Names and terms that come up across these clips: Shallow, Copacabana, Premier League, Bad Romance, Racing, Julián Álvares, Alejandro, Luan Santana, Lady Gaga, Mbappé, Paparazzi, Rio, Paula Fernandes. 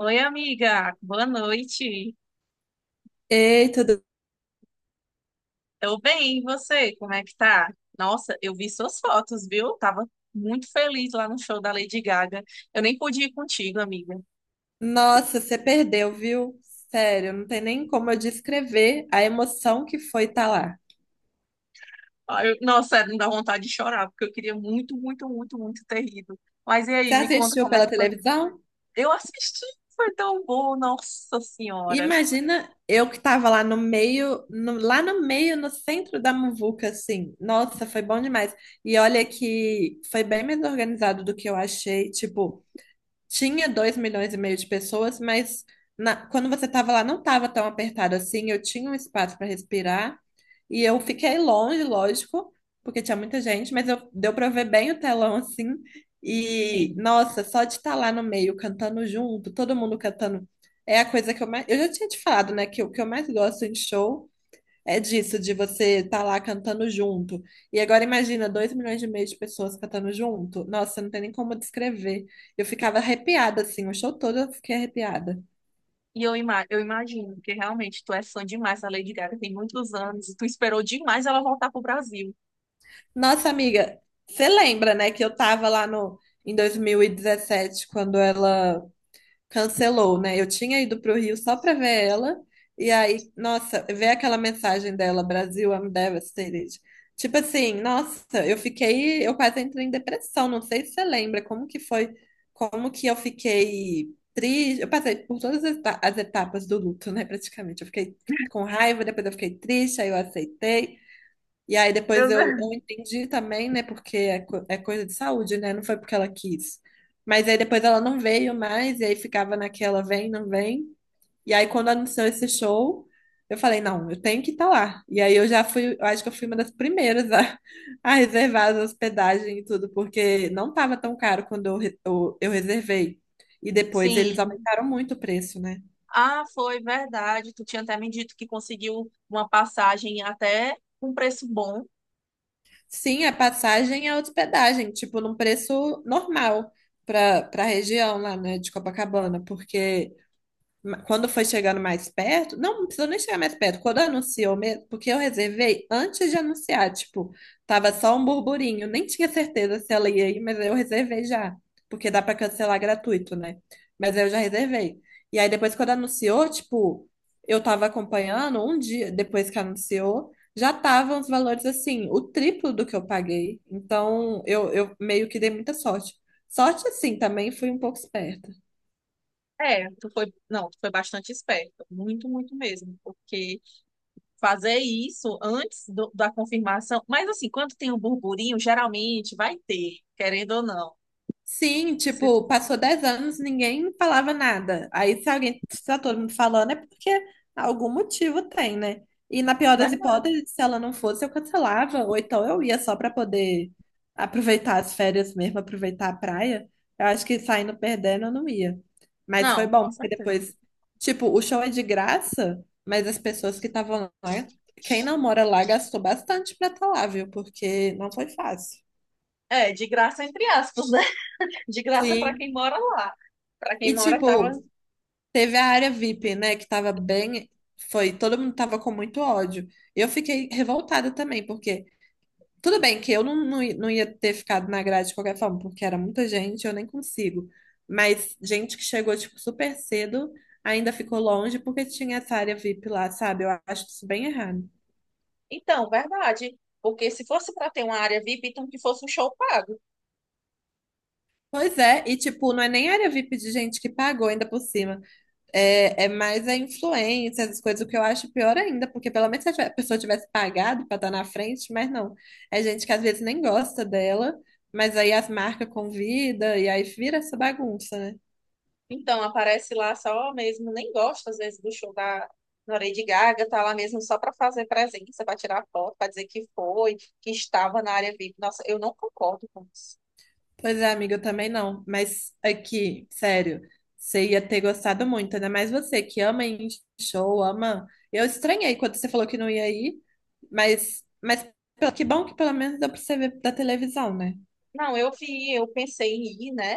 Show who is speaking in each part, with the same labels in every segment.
Speaker 1: Oi, amiga, boa noite.
Speaker 2: Ei, tudo.
Speaker 1: Tô bem, e você? Como é que tá? Nossa, eu vi suas fotos, viu? Tava muito feliz lá no show da Lady Gaga. Eu nem pude ir contigo, amiga.
Speaker 2: Nossa, você perdeu, viu? Sério, não tem nem como eu descrever a emoção que foi estar lá.
Speaker 1: Ai, nossa, sério, me dá vontade de chorar, porque eu queria muito, muito, muito, muito ter ido. Mas e
Speaker 2: Você
Speaker 1: aí, me conta
Speaker 2: assistiu
Speaker 1: como é
Speaker 2: pela
Speaker 1: que foi?
Speaker 2: televisão?
Speaker 1: Eu assisti, foi tão bom, nossa senhora.
Speaker 2: Imagina eu que estava lá no meio, lá no meio, no centro da muvuca, assim. Nossa, foi bom demais. E olha que foi bem mais organizado do que eu achei. Tipo, tinha 2,5 milhões de pessoas, mas quando você estava lá não estava tão apertado assim, eu tinha um espaço para respirar e eu fiquei longe, lógico, porque tinha muita gente, mas eu, deu para ver bem o telão assim. E
Speaker 1: Sim.
Speaker 2: nossa, só de estar lá no meio cantando junto, todo mundo cantando, é a coisa que eu mais. Eu já tinha te falado, né, que o que eu mais gosto em show é disso, de você estar tá lá cantando junto. E agora imagina, 2,5 milhões de pessoas cantando junto. Nossa, não tem nem como descrever. Eu ficava arrepiada, assim, o show todo eu fiquei arrepiada.
Speaker 1: E eu imagino, porque realmente tu é fã demais da Lady Gaga, tem muitos anos, e tu esperou demais ela voltar pro Brasil.
Speaker 2: Nossa, amiga, você lembra, né, que eu tava lá no, em 2017, quando ela cancelou, né? Eu tinha ido para o Rio só para ver ela, e aí, nossa, ver aquela mensagem dela, Brasil, I'm devastated. Tipo assim, nossa, eu fiquei, eu quase entrei em depressão, não sei se você lembra como que foi, como que eu fiquei triste, eu passei por todas as etapas do luto, né, praticamente. Eu fiquei com raiva, depois eu fiquei triste, aí eu aceitei, e aí depois
Speaker 1: Meu
Speaker 2: eu,
Speaker 1: Deus.
Speaker 2: eu entendi também, né? Porque é coisa de saúde, né? Não foi porque ela quis. Mas aí depois ela não veio mais, e aí ficava naquela vem, não vem. E aí quando anunciou esse show, eu falei, não, eu tenho que estar lá. E aí eu já fui, eu acho que eu fui uma das primeiras a, a reservar as hospedagem e tudo, porque não estava tão caro quando eu reservei. E depois eles
Speaker 1: Sim.
Speaker 2: aumentaram muito o preço, né?
Speaker 1: Ah, foi verdade. Tu tinha até me dito que conseguiu uma passagem até um preço bom.
Speaker 2: Sim, a passagem e a hospedagem, tipo, num preço normal para a região lá, né, de Copacabana, porque quando foi chegando mais perto, não, não precisou nem chegar mais perto, quando anunciou mesmo, porque eu reservei antes de anunciar, tipo, tava só um burburinho, nem tinha certeza se ela ia ir, mas eu reservei já, porque dá pra cancelar gratuito, né? Mas eu já reservei. E aí depois quando anunciou, tipo, eu tava acompanhando um dia depois que anunciou, já estavam os valores assim, o triplo do que eu paguei. Então, eu meio que dei muita sorte. Sorte, assim, também fui um pouco esperta.
Speaker 1: É, tu foi, não, tu foi bastante esperta, muito, muito mesmo, porque fazer isso antes da confirmação. Mas assim, quando tem um burburinho, geralmente vai ter, querendo ou não.
Speaker 2: Sim,
Speaker 1: Se-
Speaker 2: tipo, passou 10 anos, ninguém falava nada. Aí, se alguém está todo mundo falando, é porque algum motivo tem, né? E na pior das
Speaker 1: vai-
Speaker 2: hipóteses, se ela não fosse, eu cancelava, ou então eu ia só para poder aproveitar as férias mesmo, aproveitar a praia. Eu acho que saindo perdendo, eu não ia. Mas foi
Speaker 1: Não,
Speaker 2: bom,
Speaker 1: com
Speaker 2: porque
Speaker 1: certeza.
Speaker 2: depois, tipo, o show é de graça, mas as pessoas que estavam lá, quem não mora lá gastou bastante pra estar lá, viu? Porque não foi fácil.
Speaker 1: É, de graça entre aspas, né? De graça para quem
Speaker 2: Sim.
Speaker 1: mora lá. Para quem
Speaker 2: E
Speaker 1: mora tava.
Speaker 2: tipo, teve a área VIP, né, que tava bem, foi, todo mundo tava com muito ódio. Eu fiquei revoltada também, porque tudo bem que eu não ia ter ficado na grade de qualquer forma, porque era muita gente, eu nem consigo. Mas gente que chegou, tipo, super cedo, ainda ficou longe porque tinha essa área VIP lá, sabe? Eu acho isso bem errado.
Speaker 1: Então, verdade. Porque se fosse para ter uma área VIP, então que fosse um show pago.
Speaker 2: Pois é, e tipo, não é nem área VIP de gente que pagou ainda por cima. É mais a influência, as coisas, o que eu acho pior ainda, porque pelo menos se a pessoa tivesse pagado para estar na frente, mas não. É gente que às vezes nem gosta dela, mas aí as marcas convida e aí vira essa bagunça, né?
Speaker 1: Então, aparece lá só mesmo, nem gosta às vezes do show da Lady Gaga, tá lá mesmo só para fazer presença, para tirar foto, para dizer que foi, que estava na área VIP. Nossa, eu não concordo com isso.
Speaker 2: Pois é, amiga, eu também não. Mas aqui, sério, você ia ter gostado muito, ainda mais você que ama ir em show, ama. Eu estranhei quando você falou que não ia ir, mas que bom que pelo menos deu pra você ver da televisão, né?
Speaker 1: Não, eu vi, eu pensei em ir, né?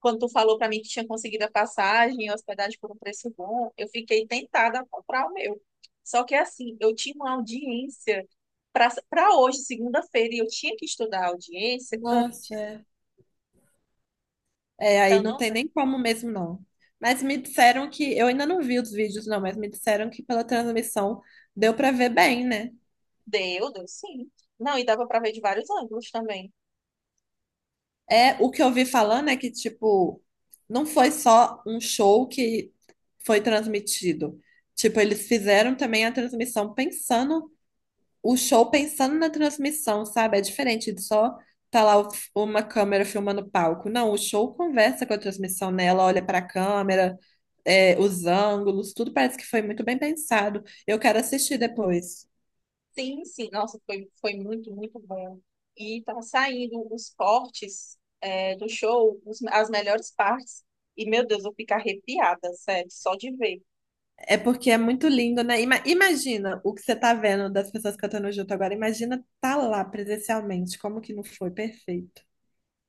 Speaker 1: Quando tu falou pra mim que tinha conseguido a passagem, a hospedagem por um preço bom, eu fiquei tentada a comprar o meu. Só que assim, eu tinha uma audiência para hoje, segunda-feira, e eu tinha que estudar a audiência,
Speaker 2: Nossa, é. É, aí
Speaker 1: então
Speaker 2: não
Speaker 1: não
Speaker 2: tem nem como mesmo, não. Mas me disseram que, eu ainda não vi os vídeos, não, mas me disseram que pela transmissão deu pra ver bem, né?
Speaker 1: deu, deu sim. Não, e dava para ver de vários ângulos também.
Speaker 2: É, o que eu vi falando é que, tipo, não foi só um show que foi transmitido. Tipo, eles fizeram também a transmissão pensando o show pensando na transmissão, sabe? É diferente de só tá lá uma câmera filmando o palco. Não, o show conversa com a transmissão, né? Ela olha para a câmera, é, os ângulos, tudo parece que foi muito bem pensado. Eu quero assistir depois.
Speaker 1: Sim, sim, nossa, foi muito, muito bom. E tá saindo os cortes do show, as melhores partes. E, meu Deus, eu fico arrepiada, sério, só de ver.
Speaker 2: É porque é muito lindo, né? Imagina o que você tá vendo das pessoas cantando junto agora. Imagina tá lá presencialmente, como que não foi perfeito.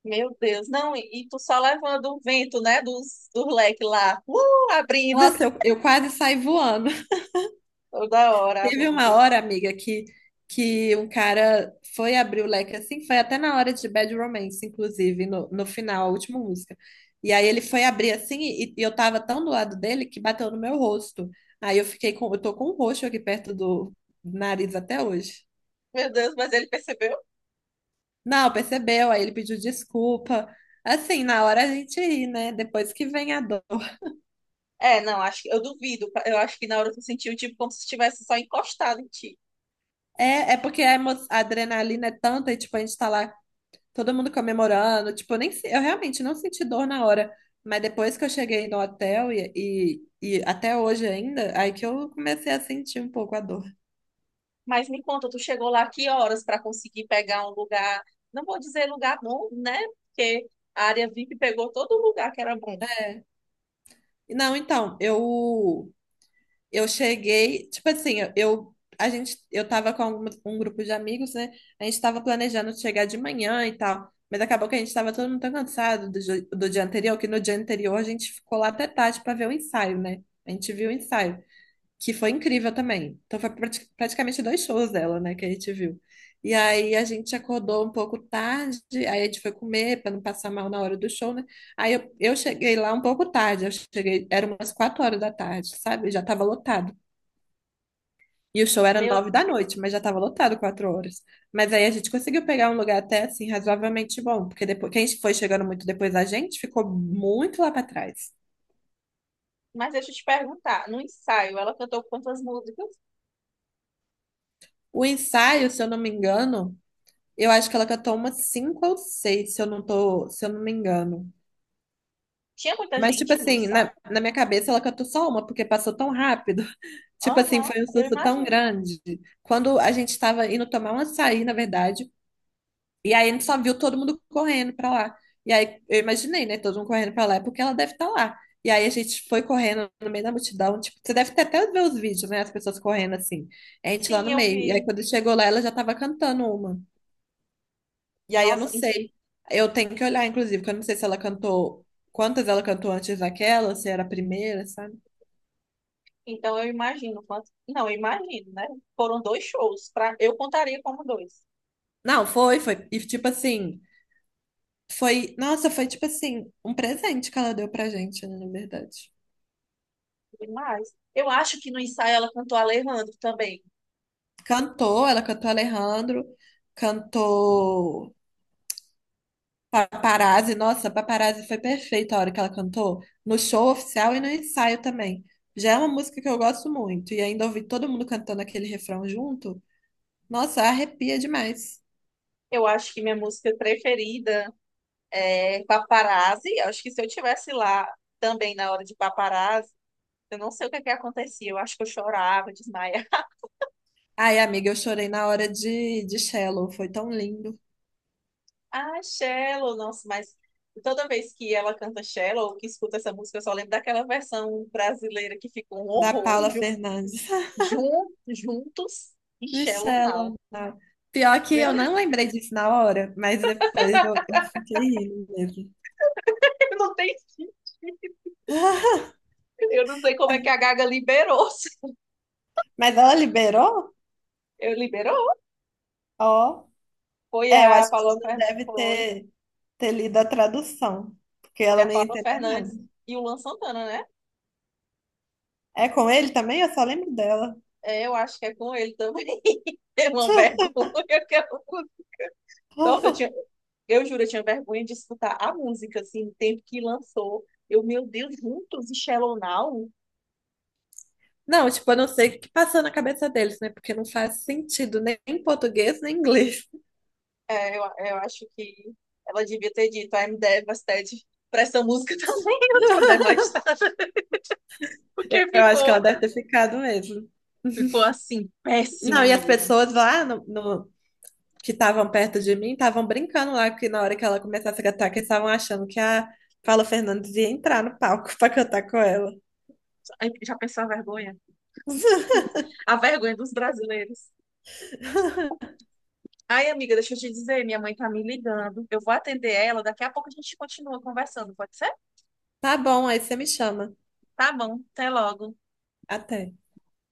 Speaker 1: Meu Deus, não, e tu só levando o vento, né, do leque lá, abrindo,
Speaker 2: Nossa, eu quase saí voando.
Speaker 1: toda hora
Speaker 2: Teve uma
Speaker 1: abrindo.
Speaker 2: hora, amiga, que um cara foi abrir o leque assim, foi até na hora de Bad Romance, inclusive, no final, a última música. E aí ele foi abrir assim, e eu tava tão do lado dele que bateu no meu rosto. Aí eu fiquei com, eu tô com um roxo aqui perto do nariz até hoje.
Speaker 1: Meu Deus, mas ele percebeu?
Speaker 2: Não, percebeu, aí ele pediu desculpa. Assim, na hora a gente ri, né? Depois que vem a dor.
Speaker 1: É, não, acho que eu duvido, eu acho que na hora tu sentiu tipo como se estivesse só encostado em ti.
Speaker 2: É porque a adrenalina é tanta e, tipo, a gente tá lá todo mundo comemorando. Tipo, eu nem, se- eu realmente não senti dor na hora. Mas depois que eu cheguei no hotel e até hoje ainda, aí que eu comecei a sentir um pouco a dor.
Speaker 1: Mas me conta, tu chegou lá que horas para conseguir pegar um lugar, não vou dizer lugar bom, né, porque a área VIP pegou todo lugar que era bom.
Speaker 2: Não, então, eu cheguei, tipo assim, eu a gente eu tava com um grupo de amigos, né? A gente tava planejando chegar de manhã e tal, mas acabou que a gente tava todo mundo tão cansado do dia anterior, que no dia anterior a gente ficou lá até tarde pra ver o ensaio, né? A gente viu o ensaio. Que foi incrível também. Então foi praticamente dois shows dela, né, que a gente viu. E aí a gente acordou um pouco tarde, aí a gente foi comer para não passar mal na hora do show, né? Aí eu cheguei lá um pouco tarde, eu cheguei, eram umas 4 horas da tarde, sabe? Já estava lotado. E o show era
Speaker 1: Meu,
Speaker 2: 9 da noite, mas já estava lotado 4 horas. Mas aí a gente conseguiu pegar um lugar até assim razoavelmente bom, porque depois quem foi chegando muito depois da gente ficou muito lá para trás.
Speaker 1: mas deixa eu te perguntar, no ensaio ela cantou quantas músicas?
Speaker 2: O ensaio, se eu não me engano, eu acho que ela catou umas cinco ou seis, se eu não tô, se eu não me engano.
Speaker 1: Tinha muita
Speaker 2: Mas, tipo
Speaker 1: gente no
Speaker 2: assim,
Speaker 1: ensaio?
Speaker 2: na minha cabeça ela catou só uma, porque passou tão rápido. Tipo assim,
Speaker 1: Aham,
Speaker 2: foi um
Speaker 1: eu
Speaker 2: susto tão
Speaker 1: imagino.
Speaker 2: grande. Quando a gente tava indo tomar um açaí, na verdade, e aí a gente só viu todo mundo correndo pra lá. E aí eu imaginei, né, todo mundo correndo pra lá, é porque ela deve estar lá. E aí a gente foi correndo no meio da multidão, tipo, você deve ter até ver os vídeos, né, as pessoas correndo assim. A gente lá
Speaker 1: Sim,
Speaker 2: no
Speaker 1: eu
Speaker 2: meio. E aí
Speaker 1: vi.
Speaker 2: quando chegou lá, ela já tava cantando uma. E aí eu não
Speaker 1: Nossa, então,
Speaker 2: sei. Eu tenho que olhar, inclusive, porque eu não sei se ela cantou, quantas ela cantou antes daquela, se era a primeira, sabe?
Speaker 1: então eu imagino quanto. Não, eu imagino, né? Foram dois shows. Pra... eu contaria como dois.
Speaker 2: Não, foi, foi. E tipo assim, foi, nossa, foi tipo assim, um presente que ela deu pra gente, né, na verdade.
Speaker 1: Demais. Eu acho que no ensaio ela cantou Alejandro também.
Speaker 2: Cantou, ela cantou Alejandro, cantou Paparazzi, nossa, Paparazzi foi perfeita a hora que ela cantou, no show oficial e no ensaio também. Já é uma música que eu gosto muito, e ainda ouvi todo mundo cantando aquele refrão junto, nossa, arrepia demais.
Speaker 1: Eu acho que minha música preferida é Paparazzi. Eu acho que se eu tivesse lá também na hora de Paparazzi, eu não sei o que é que acontecia. Eu acho que eu chorava, desmaia.
Speaker 2: Ai, amiga, eu chorei na hora de Shallow, foi tão lindo.
Speaker 1: Ah, Shallow, nossa, mas toda vez que ela canta Shallow, ou que escuta essa música, eu só lembro daquela versão brasileira que ficou um
Speaker 2: Da
Speaker 1: horror,
Speaker 2: Paula Fernandes.
Speaker 1: Juntos e
Speaker 2: De
Speaker 1: Shallow Now.
Speaker 2: Shallow, não. Pior que
Speaker 1: Meu,
Speaker 2: eu não lembrei disso na hora, mas depois eu fiquei rindo mesmo.
Speaker 1: não tem sentido. Eu não sei como é que a Gaga liberou.
Speaker 2: Mas ela liberou?
Speaker 1: Eu liberou.
Speaker 2: Ó.
Speaker 1: Foi
Speaker 2: É, eu acho
Speaker 1: a
Speaker 2: que
Speaker 1: Paula
Speaker 2: ela não
Speaker 1: Fer...
Speaker 2: deve
Speaker 1: foi.
Speaker 2: ter lido a tradução, porque
Speaker 1: Foi
Speaker 2: ela
Speaker 1: a
Speaker 2: nem
Speaker 1: Paula
Speaker 2: entendeu
Speaker 1: Fernandes
Speaker 2: nada.
Speaker 1: e o Luan Santana, né?
Speaker 2: É com ele também? Eu só lembro dela.
Speaker 1: É, eu acho que é com ele também. É uma vergonha que eu... Nossa, eu tinha... eu juro, eu tinha vergonha de escutar a música, assim, no tempo que lançou. Eu, meu Deus, juntos e Shallow Now?
Speaker 2: Não, tipo, eu não sei o que passou na cabeça deles, né? Porque não faz sentido nem em português nem em inglês.
Speaker 1: É, eu acho que ela devia ter dito I'm devastated pra essa música também. Eu tô devastada. Porque
Speaker 2: Eu acho que
Speaker 1: ficou,
Speaker 2: ela deve ter ficado mesmo.
Speaker 1: ficou assim,
Speaker 2: Não,
Speaker 1: péssimo
Speaker 2: e as
Speaker 1: mesmo.
Speaker 2: pessoas lá que estavam perto de mim estavam brincando lá que na hora que ela começasse a cantar, que eles estavam achando que a Paula Fernandes ia entrar no palco pra cantar com ela.
Speaker 1: Ai, já pensou a vergonha? A vergonha dos brasileiros. Ai, amiga, deixa eu te dizer, minha mãe tá me ligando. Eu vou atender ela, daqui a pouco a gente continua conversando, pode ser?
Speaker 2: Tá bom, aí você me chama.
Speaker 1: Tá bom, até logo.
Speaker 2: Até.